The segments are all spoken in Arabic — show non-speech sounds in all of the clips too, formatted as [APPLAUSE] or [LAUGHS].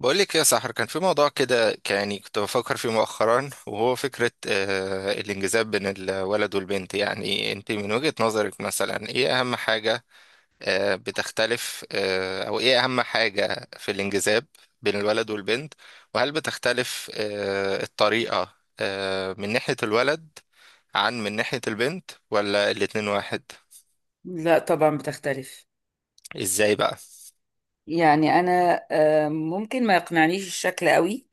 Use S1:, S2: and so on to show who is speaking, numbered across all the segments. S1: بقول لك يا سحر، كان في موضوع كده يعني كنت بفكر فيه مؤخرا، وهو فكرة الانجذاب بين الولد والبنت. يعني انت من وجهة نظرك مثلا ايه اهم حاجة بتختلف، او ايه اهم حاجة في الانجذاب بين الولد والبنت؟ وهل بتختلف الطريقة من ناحية الولد عن من ناحية البنت، ولا الاتنين واحد؟
S2: لا طبعا بتختلف.
S1: ازاي بقى؟
S2: يعني انا ممكن ما يقنعنيش الشكل قوي.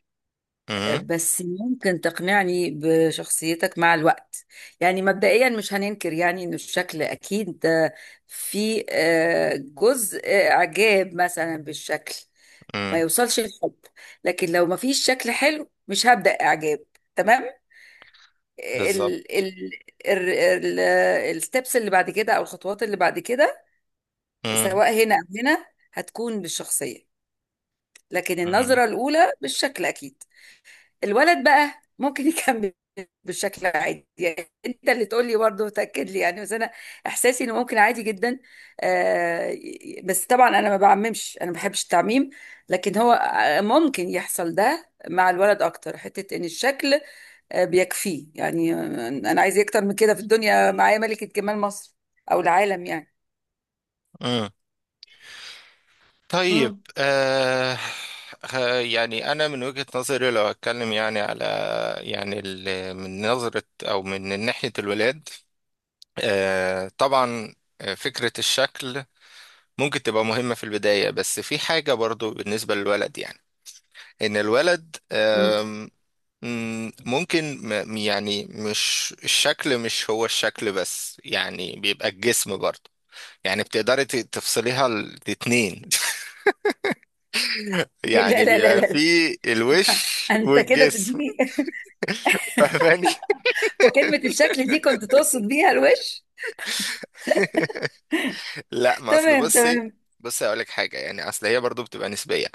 S1: امم.
S2: بس ممكن تقنعني بشخصيتك مع الوقت. يعني مبدئيا مش هننكر يعني ان الشكل اكيد، في جزء اعجاب مثلا بالشكل ما
S1: امم.
S2: يوصلش الحب، لكن لو ما فيش شكل حلو مش هبدأ اعجاب. تمام. ال
S1: بالظبط.
S2: ال ال ال الستبس اللي بعد كده او الخطوات اللي بعد كده،
S1: امم.
S2: سواء هنا او هنا، هتكون بالشخصية. لكن النظرة الأولى بالشكل أكيد. الولد بقى ممكن [LAUGHS] يكمل بالشكل عادي. يعني انت اللي تقول لي برضه، تاكد لي يعني، بس انا احساسي انه ممكن عادي جدا. بس طبعا انا ما بعممش، انا ما بحبش التعميم. لكن هو ممكن يحصل ده مع الولد اكتر، حته ان الشكل آه بيكفيه. يعني انا عايز إيه اكتر من كده في الدنيا؟ معايا ملكه جمال مصر او العالم يعني.
S1: امم. طيب.
S2: مم.
S1: يعني أنا من وجهة نظري، لو أتكلم يعني على يعني من نظرة أو من ناحية الولاد، آه طبعا، فكرة الشكل ممكن تبقى مهمة في البداية. بس في حاجة برضو بالنسبة للولد، يعني إن الولد
S2: مم.
S1: مم، ممكن يعني مش هو الشكل بس، يعني بيبقى الجسم برضو. يعني بتقدري تفصليها الاتنين.
S2: [LAUGHS] لا
S1: يعني
S2: لا لا
S1: بيبقى في
S2: لا.
S1: الوش
S2: انت كده
S1: والجسم.
S2: تديني. [LAUGHS]
S1: [LAUGHS] فاهماني؟
S2: وكلمة الشكل دي كنت تقصد بيها الوش؟
S1: لا، ما اصل
S2: تمام
S1: بصي،
S2: تمام.
S1: بصي اقول لك حاجه. يعني اصل هي برضو بتبقى نسبيه،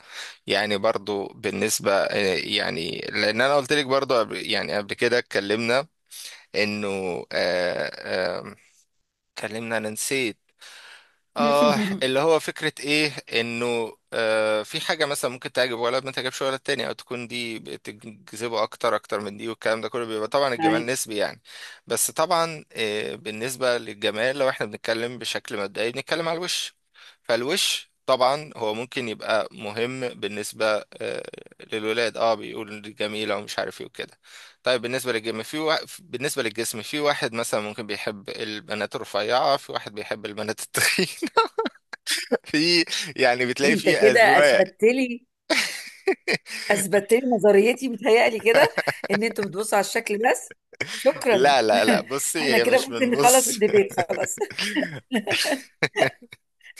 S1: يعني برضو بالنسبه يعني، لان انا قلت لك برضو يعني قبل كده اتكلمنا انه اتكلمنا، انا نسيت اه
S2: [LAUGHS]
S1: اللي هو فكرة ايه، انه آه في حاجة مثلا ممكن تعجب ولد ما تعجبش ولد تاني، او تكون دي بتجذبه اكتر اكتر من دي، والكلام ده كله بيبقى طبعا الجمال
S2: معاك.
S1: نسبي يعني. بس طبعا آه بالنسبة للجمال، لو احنا بنتكلم بشكل مبدئي بنتكلم على الوش. فالوش طبعا هو ممكن يبقى مهم بالنسبة للولاد، اه بيقول دي جميلة ومش عارف ايه وكده. طيب بالنسبة للجسم في بالنسبة للجسم في واحد مثلا ممكن بيحب البنات الرفيعة، في واحد بيحب البنات التخينة، في، يعني بتلاقي
S2: انت
S1: فيه
S2: كده
S1: أذواق.
S2: اثبتت لي
S1: [LAUGHS]
S2: اثبتت لي نظريتي متهيألي كده، ان انتوا بتبصوا على الشكل بس. شكرا.
S1: لا لا لا، بصي،
S2: [LAUGHS] احنا
S1: هي
S2: كده
S1: مش
S2: ممكن نخلص
S1: بنبص.
S2: الديبيت خلاص.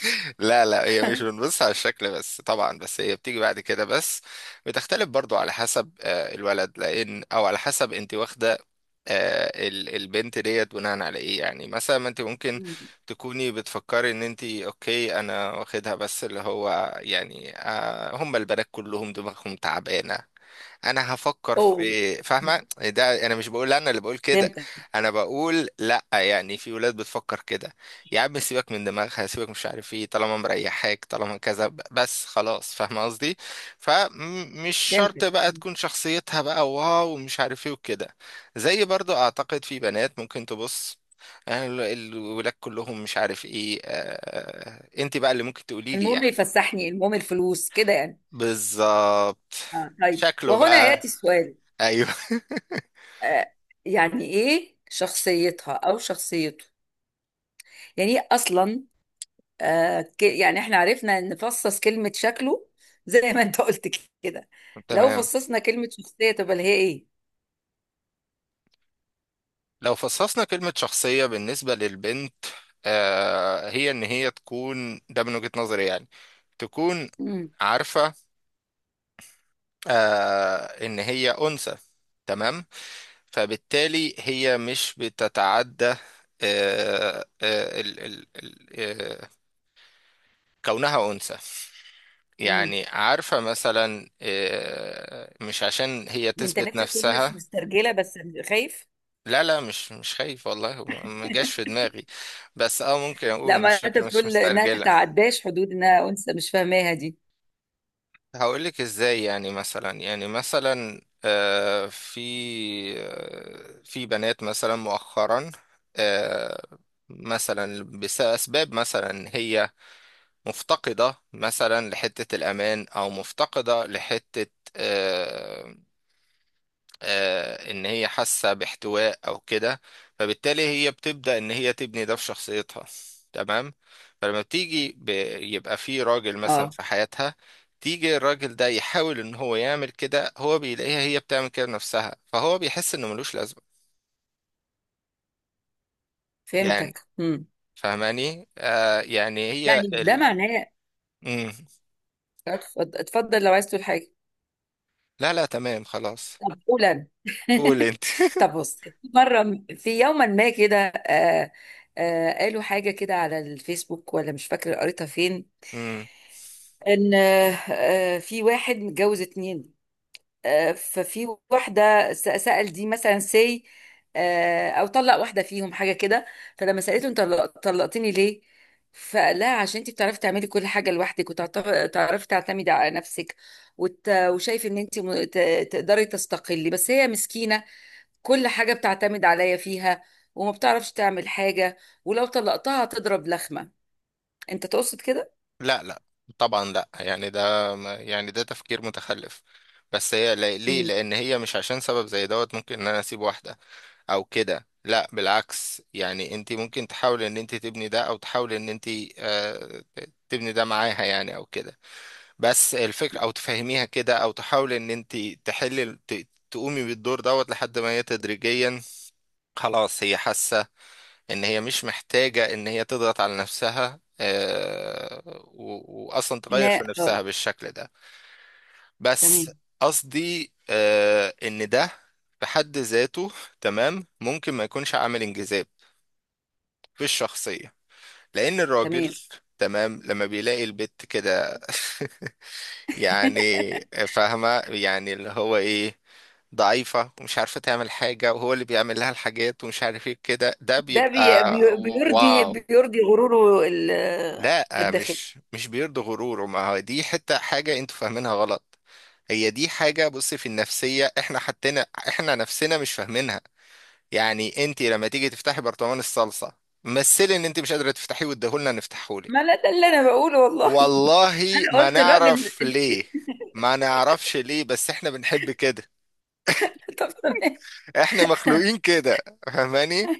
S1: [LAUGHS] لا لا، هي مش بنبص على الشكل بس طبعا، بس هي بتيجي بعد كده. بس بتختلف برضو على حسب الولد، لأن أو على حسب أنت واخدة البنت ديت بناء على إيه. يعني مثلا ما أنت ممكن
S2: [LAUGHS]
S1: تكوني بتفكري ان انت اوكي، انا واخدها، بس اللي هو يعني هم البنات كلهم دماغهم تعبانه، انا هفكر
S2: اوه،
S1: في، فاهمه؟ ده انا مش بقول، انا اللي بقول كده.
S2: فهمتك.
S1: انا بقول لا، يعني في ولاد بتفكر كده، يا عم سيبك من دماغها، سيبك مش عارف ايه، طالما مريحاك طالما كذا بس خلاص، فاهمه قصدي. فمش شرط
S2: فهمتك.
S1: بقى تكون شخصيتها بقى واو ومش عارف ايه وكده. زي برضو اعتقد في بنات ممكن تبص، يعني الولاد كلهم مش عارف ايه. انت بقى اللي ممكن تقولي لي
S2: المهم
S1: يعني.
S2: يفسحني، المهم الفلوس كده يعني.
S1: بالظبط.
S2: آه. طيب،
S1: شكله
S2: وهنا
S1: بقى.
S2: يأتي السؤال.
S1: ايوه. [LAUGHS]
S2: آه يعني ايه شخصيتها او شخصيته؟ يعني ايه اصلا؟ يعني احنا عرفنا نفصص كلمة شكله زي ما انت قلت كده. لو
S1: تمام.
S2: فصصنا كلمة شخصية تبقى اللي هي ايه؟
S1: لو فصصنا كلمة شخصية بالنسبة للبنت، آه هي إن هي تكون ده من وجهة نظري يعني، تكون
S2: مم.
S1: عارفة آه إن هي أنثى. تمام. فبالتالي هي مش بتتعدى آه آه ال ال ال آه كونها أنثى.
S2: مم.
S1: يعني عارفة مثلا، مش عشان هي
S2: انت
S1: تثبت
S2: نفسك تكون مش
S1: نفسها.
S2: مسترجلة بس، خايف؟
S1: لا لا، مش مش خايف، والله ما ما جاش في دماغي. بس اه ممكن
S2: لا،
S1: اقول
S2: ما
S1: مش
S2: انت
S1: فكرة مش
S2: بتقول انها
S1: مسترجلة.
S2: تتعداش حدود انها انثى، مش فاهماها دي.
S1: هقول لك ازاي. يعني مثلا، يعني مثلا آه في، آه في بنات مثلا مؤخرا، آه مثلا بأسباب، مثلا هي مفتقدة مثلا لحتة الأمان، أو مفتقدة لحتة آه، ان هي حاسه باحتواء او كده. فبالتالي هي بتبدا ان هي تبني ده في شخصيتها. تمام. فلما يبقى في راجل مثلا
S2: اه
S1: في حياتها، تيجي الراجل ده يحاول ان هو يعمل كده، هو بيلاقيها هي بتعمل كده بنفسها، فهو بيحس انه ملوش لازمه. يعني
S2: فهمتك. مم.
S1: فاهماني؟ آه يعني هي
S2: يعني ده معناه.
S1: مم.
S2: اتفضل اتفضل لو عايز تقول حاجة.
S1: لا لا تمام خلاص.
S2: طب قول انا.
S1: قول انت.
S2: [LAUGHS]
S1: [LAUGHS]
S2: طب بص، في مرة في يوما ما كده قالوا حاجة كده على الفيسبوك ولا مش فاكرة قريتها فين.
S1: مم.
S2: ان في واحد متجوز اتنين. ففي واحده سأل دي مثلا سي او طلق واحده فيهم حاجه كده. فلما سألته: انت طلقتني ليه؟ فقال لها: عشان انت بتعرفي تعملي كل حاجه لوحدك، وتعرفي تعتمدي على نفسك، وشايف ان انت تقدري تستقلي، بس هي مسكينه، كل حاجه بتعتمد عليا فيها، وما بتعرفش تعمل حاجه، ولو طلقتها هتضرب لخمه. انت تقصد كده؟
S1: لا لا، طبعا لا، يعني ده ما- يعني ده تفكير متخلف. بس هي ليه؟
S2: امم.
S1: لان هي مش عشان سبب زي دوت ممكن ان انا اسيب واحده او كده. لا بالعكس، يعني انت ممكن تحاولي ان انت تبني ده، او تحاولي ان انت تبني ده معاها يعني او كده. بس الفكره او تفهميها كده، او تحاولي ان انت تحلي تقومي بالدور دوت لحد ما هي تدريجيا خلاص هي حاسه ان هي مش محتاجة ان هي تضغط على نفسها، واصلا تغير
S2: هنا
S1: في
S2: اه.
S1: نفسها بالشكل ده. بس
S2: تمام
S1: قصدي ان ده في حد ذاته، تمام، ممكن ما يكونش عامل انجذاب في الشخصية. لان الراجل،
S2: تمام.
S1: تمام، لما بيلاقي البت كده [LAUGHS] يعني، فاهمة يعني اللي هو ايه، ضعيفة ومش عارفة تعمل حاجة، وهو اللي بيعمل لها الحاجات ومش عارف ايه كده، ده
S2: ده
S1: بيبقى
S2: بيرضي
S1: واو.
S2: بيرضي غروره
S1: لا
S2: الداخلي.
S1: مش مش بيرضي غروره. ما هو دي حتة حاجة انتوا فاهمينها غلط. هي دي حاجة، بص، في النفسية احنا حتنا احنا نفسنا مش فاهمينها. يعني انت لما تيجي تفتحي برطمان الصلصة مثلي، ان انت مش قادرة تفتحيه واديهولنا
S2: ما
S1: نفتحهولك،
S2: لا، ده اللي انا بقوله والله. [LAUGHS]
S1: والله
S2: انا
S1: ما
S2: قلت الراجل.
S1: نعرف ليه، ما نعرفش ليه، بس احنا بنحب كده.
S2: [LAUGHS] طب تمام.
S1: احنا مخلوقين كده، فاهماني،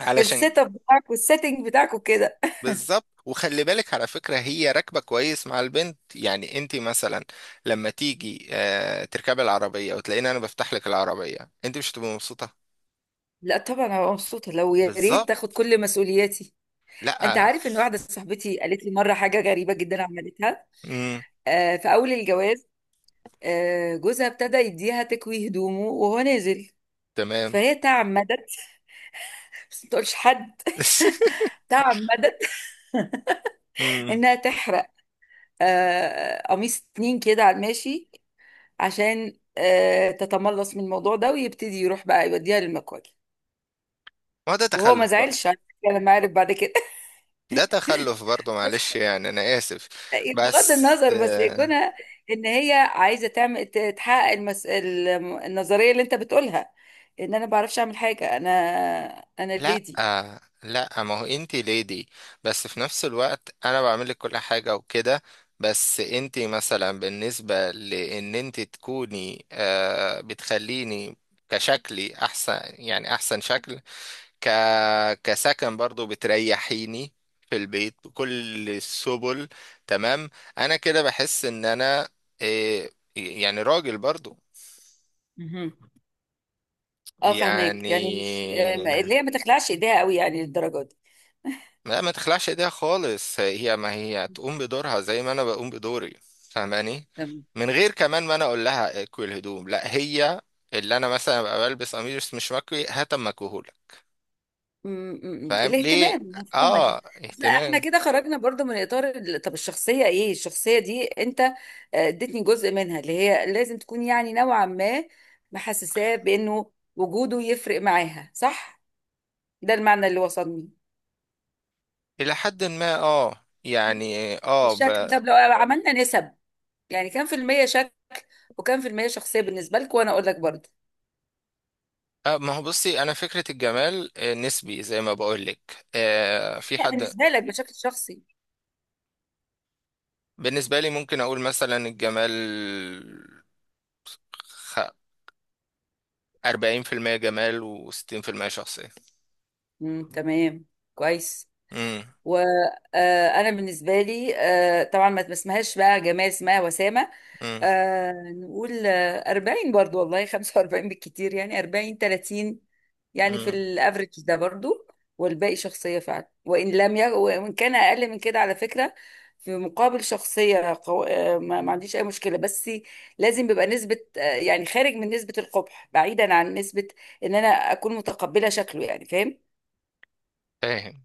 S1: علشان.
S2: السيت اب بتاعك والسيتنج بتاعك وكده.
S1: بالظبط، وخلي بالك على فكرة هي راكبة كويس مع البنت. يعني انت مثلا لما تيجي تركبي العربية وتلاقيني انا بفتح لك العربية، انت مش هتبقي مبسوطة.
S2: لا طبعا انا مبسوطه لو يا ريت
S1: بالظبط.
S2: تاخد كل مسؤولياتي. انت
S1: لا.
S2: عارف ان واحده صاحبتي قالت لي مره حاجه غريبه جدا عملتها؟
S1: امم.
S2: آه، في اول الجواز، آه جوزها ابتدى يديها تكوي هدومه وهو نازل.
S1: تمام.
S2: فهي تعمدت، بس ما تقولش حد،
S1: [LAUGHS]
S2: تعمدت
S1: امم.
S2: انها تحرق قميص اتنين كده على الماشي، عشان تتملص من الموضوع ده، ويبتدي يروح بقى يوديها للمكواج.
S1: ما هو ده
S2: وهو ما
S1: تخلف برضه.
S2: زعلش على فكرة لما عرف بعد كده.
S1: ده تخلف
S2: [LAUGHS]
S1: برضه،
S2: بس
S1: معلش يعني انا اسف.
S2: بغض
S1: بس
S2: النظر، بس يكونها ان هي عايزه تعمل تحقق النظريه اللي انت بتقولها، ان انا ما بعرفش اعمل حاجه، انا انا
S1: لا
S2: ليدي.
S1: لا، ما هو انتي ليدي، بس في نفس الوقت انا بعمل لك كل حاجة وكده. بس انتي مثلا بالنسبة لان انتي تكوني آه بتخليني كشكلي احسن، يعني احسن شكل، ك كسكن برضو بتريحيني في البيت بكل السبل. تمام، انا كده بحس ان انا آه يعني راجل برضو.
S2: مهم. اه
S1: يعني،
S2: فهماك، يعني مش اللي هي ما تخلعش ايديها قوي يعني للدرجه
S1: لا ما تخلعش ايديها خالص، هي ما هي تقوم بدورها زي ما انا بقوم بدوري. فاهماني،
S2: دي.
S1: من غير كمان ما انا اقول لها اكوي الهدوم، لا هي اللي انا مثلا ابقى بلبس قميص مش مكوي هات اما اكويهولك.
S2: م- م- م.
S1: فاهم ليه؟
S2: الاهتمام المفهومه
S1: اه
S2: دي. بس لا، احنا
S1: اهتمام.
S2: كده خرجنا برضو من اطار طب الشخصيه ايه؟ الشخصيه دي انت اديتني جزء منها اللي هي لازم تكون يعني نوعا ما محسساه بانه وجوده يفرق معاها، صح؟ ده المعنى اللي وصلني.
S1: الى حد ما اه يعني اه,
S2: الشكل؟ طب لو عملنا نسب، يعني كام في المية شكل وكام في المية شخصية بالنسبة لك، وانا اقول لك برضو.
S1: آه ما هو بصي، انا فكرة الجمال نسبي زي ما بقول لك، آه في
S2: لا
S1: حد.
S2: بالنسبة لك بشكل شخصي.
S1: بالنسبة لي ممكن اقول مثلا الجمال، خ- 40% جمال و60% شخصية.
S2: امم. تمام. كويس.
S1: امم.
S2: وانا بالنسبه لي طبعا ما اسمهاش بقى جمال، اسمها وسامه.
S1: امم.
S2: نقول 40 برضو والله. [LAUGHS] 45 بالكتير، يعني 40، 30 يعني، في
S1: امم.
S2: الافريج ده برضو. والباقي شخصيه فعلا، وان لم وان كان اقل من كده على فكره، في مقابل شخصيه قو... آه، ما عنديش اي مشكله. بس لازم بيبقى نسبه، يعني خارج من نسبه القبح، بعيدا عن نسبه ان انا اكون متقبله شكله، يعني فاهم؟
S1: فاهم.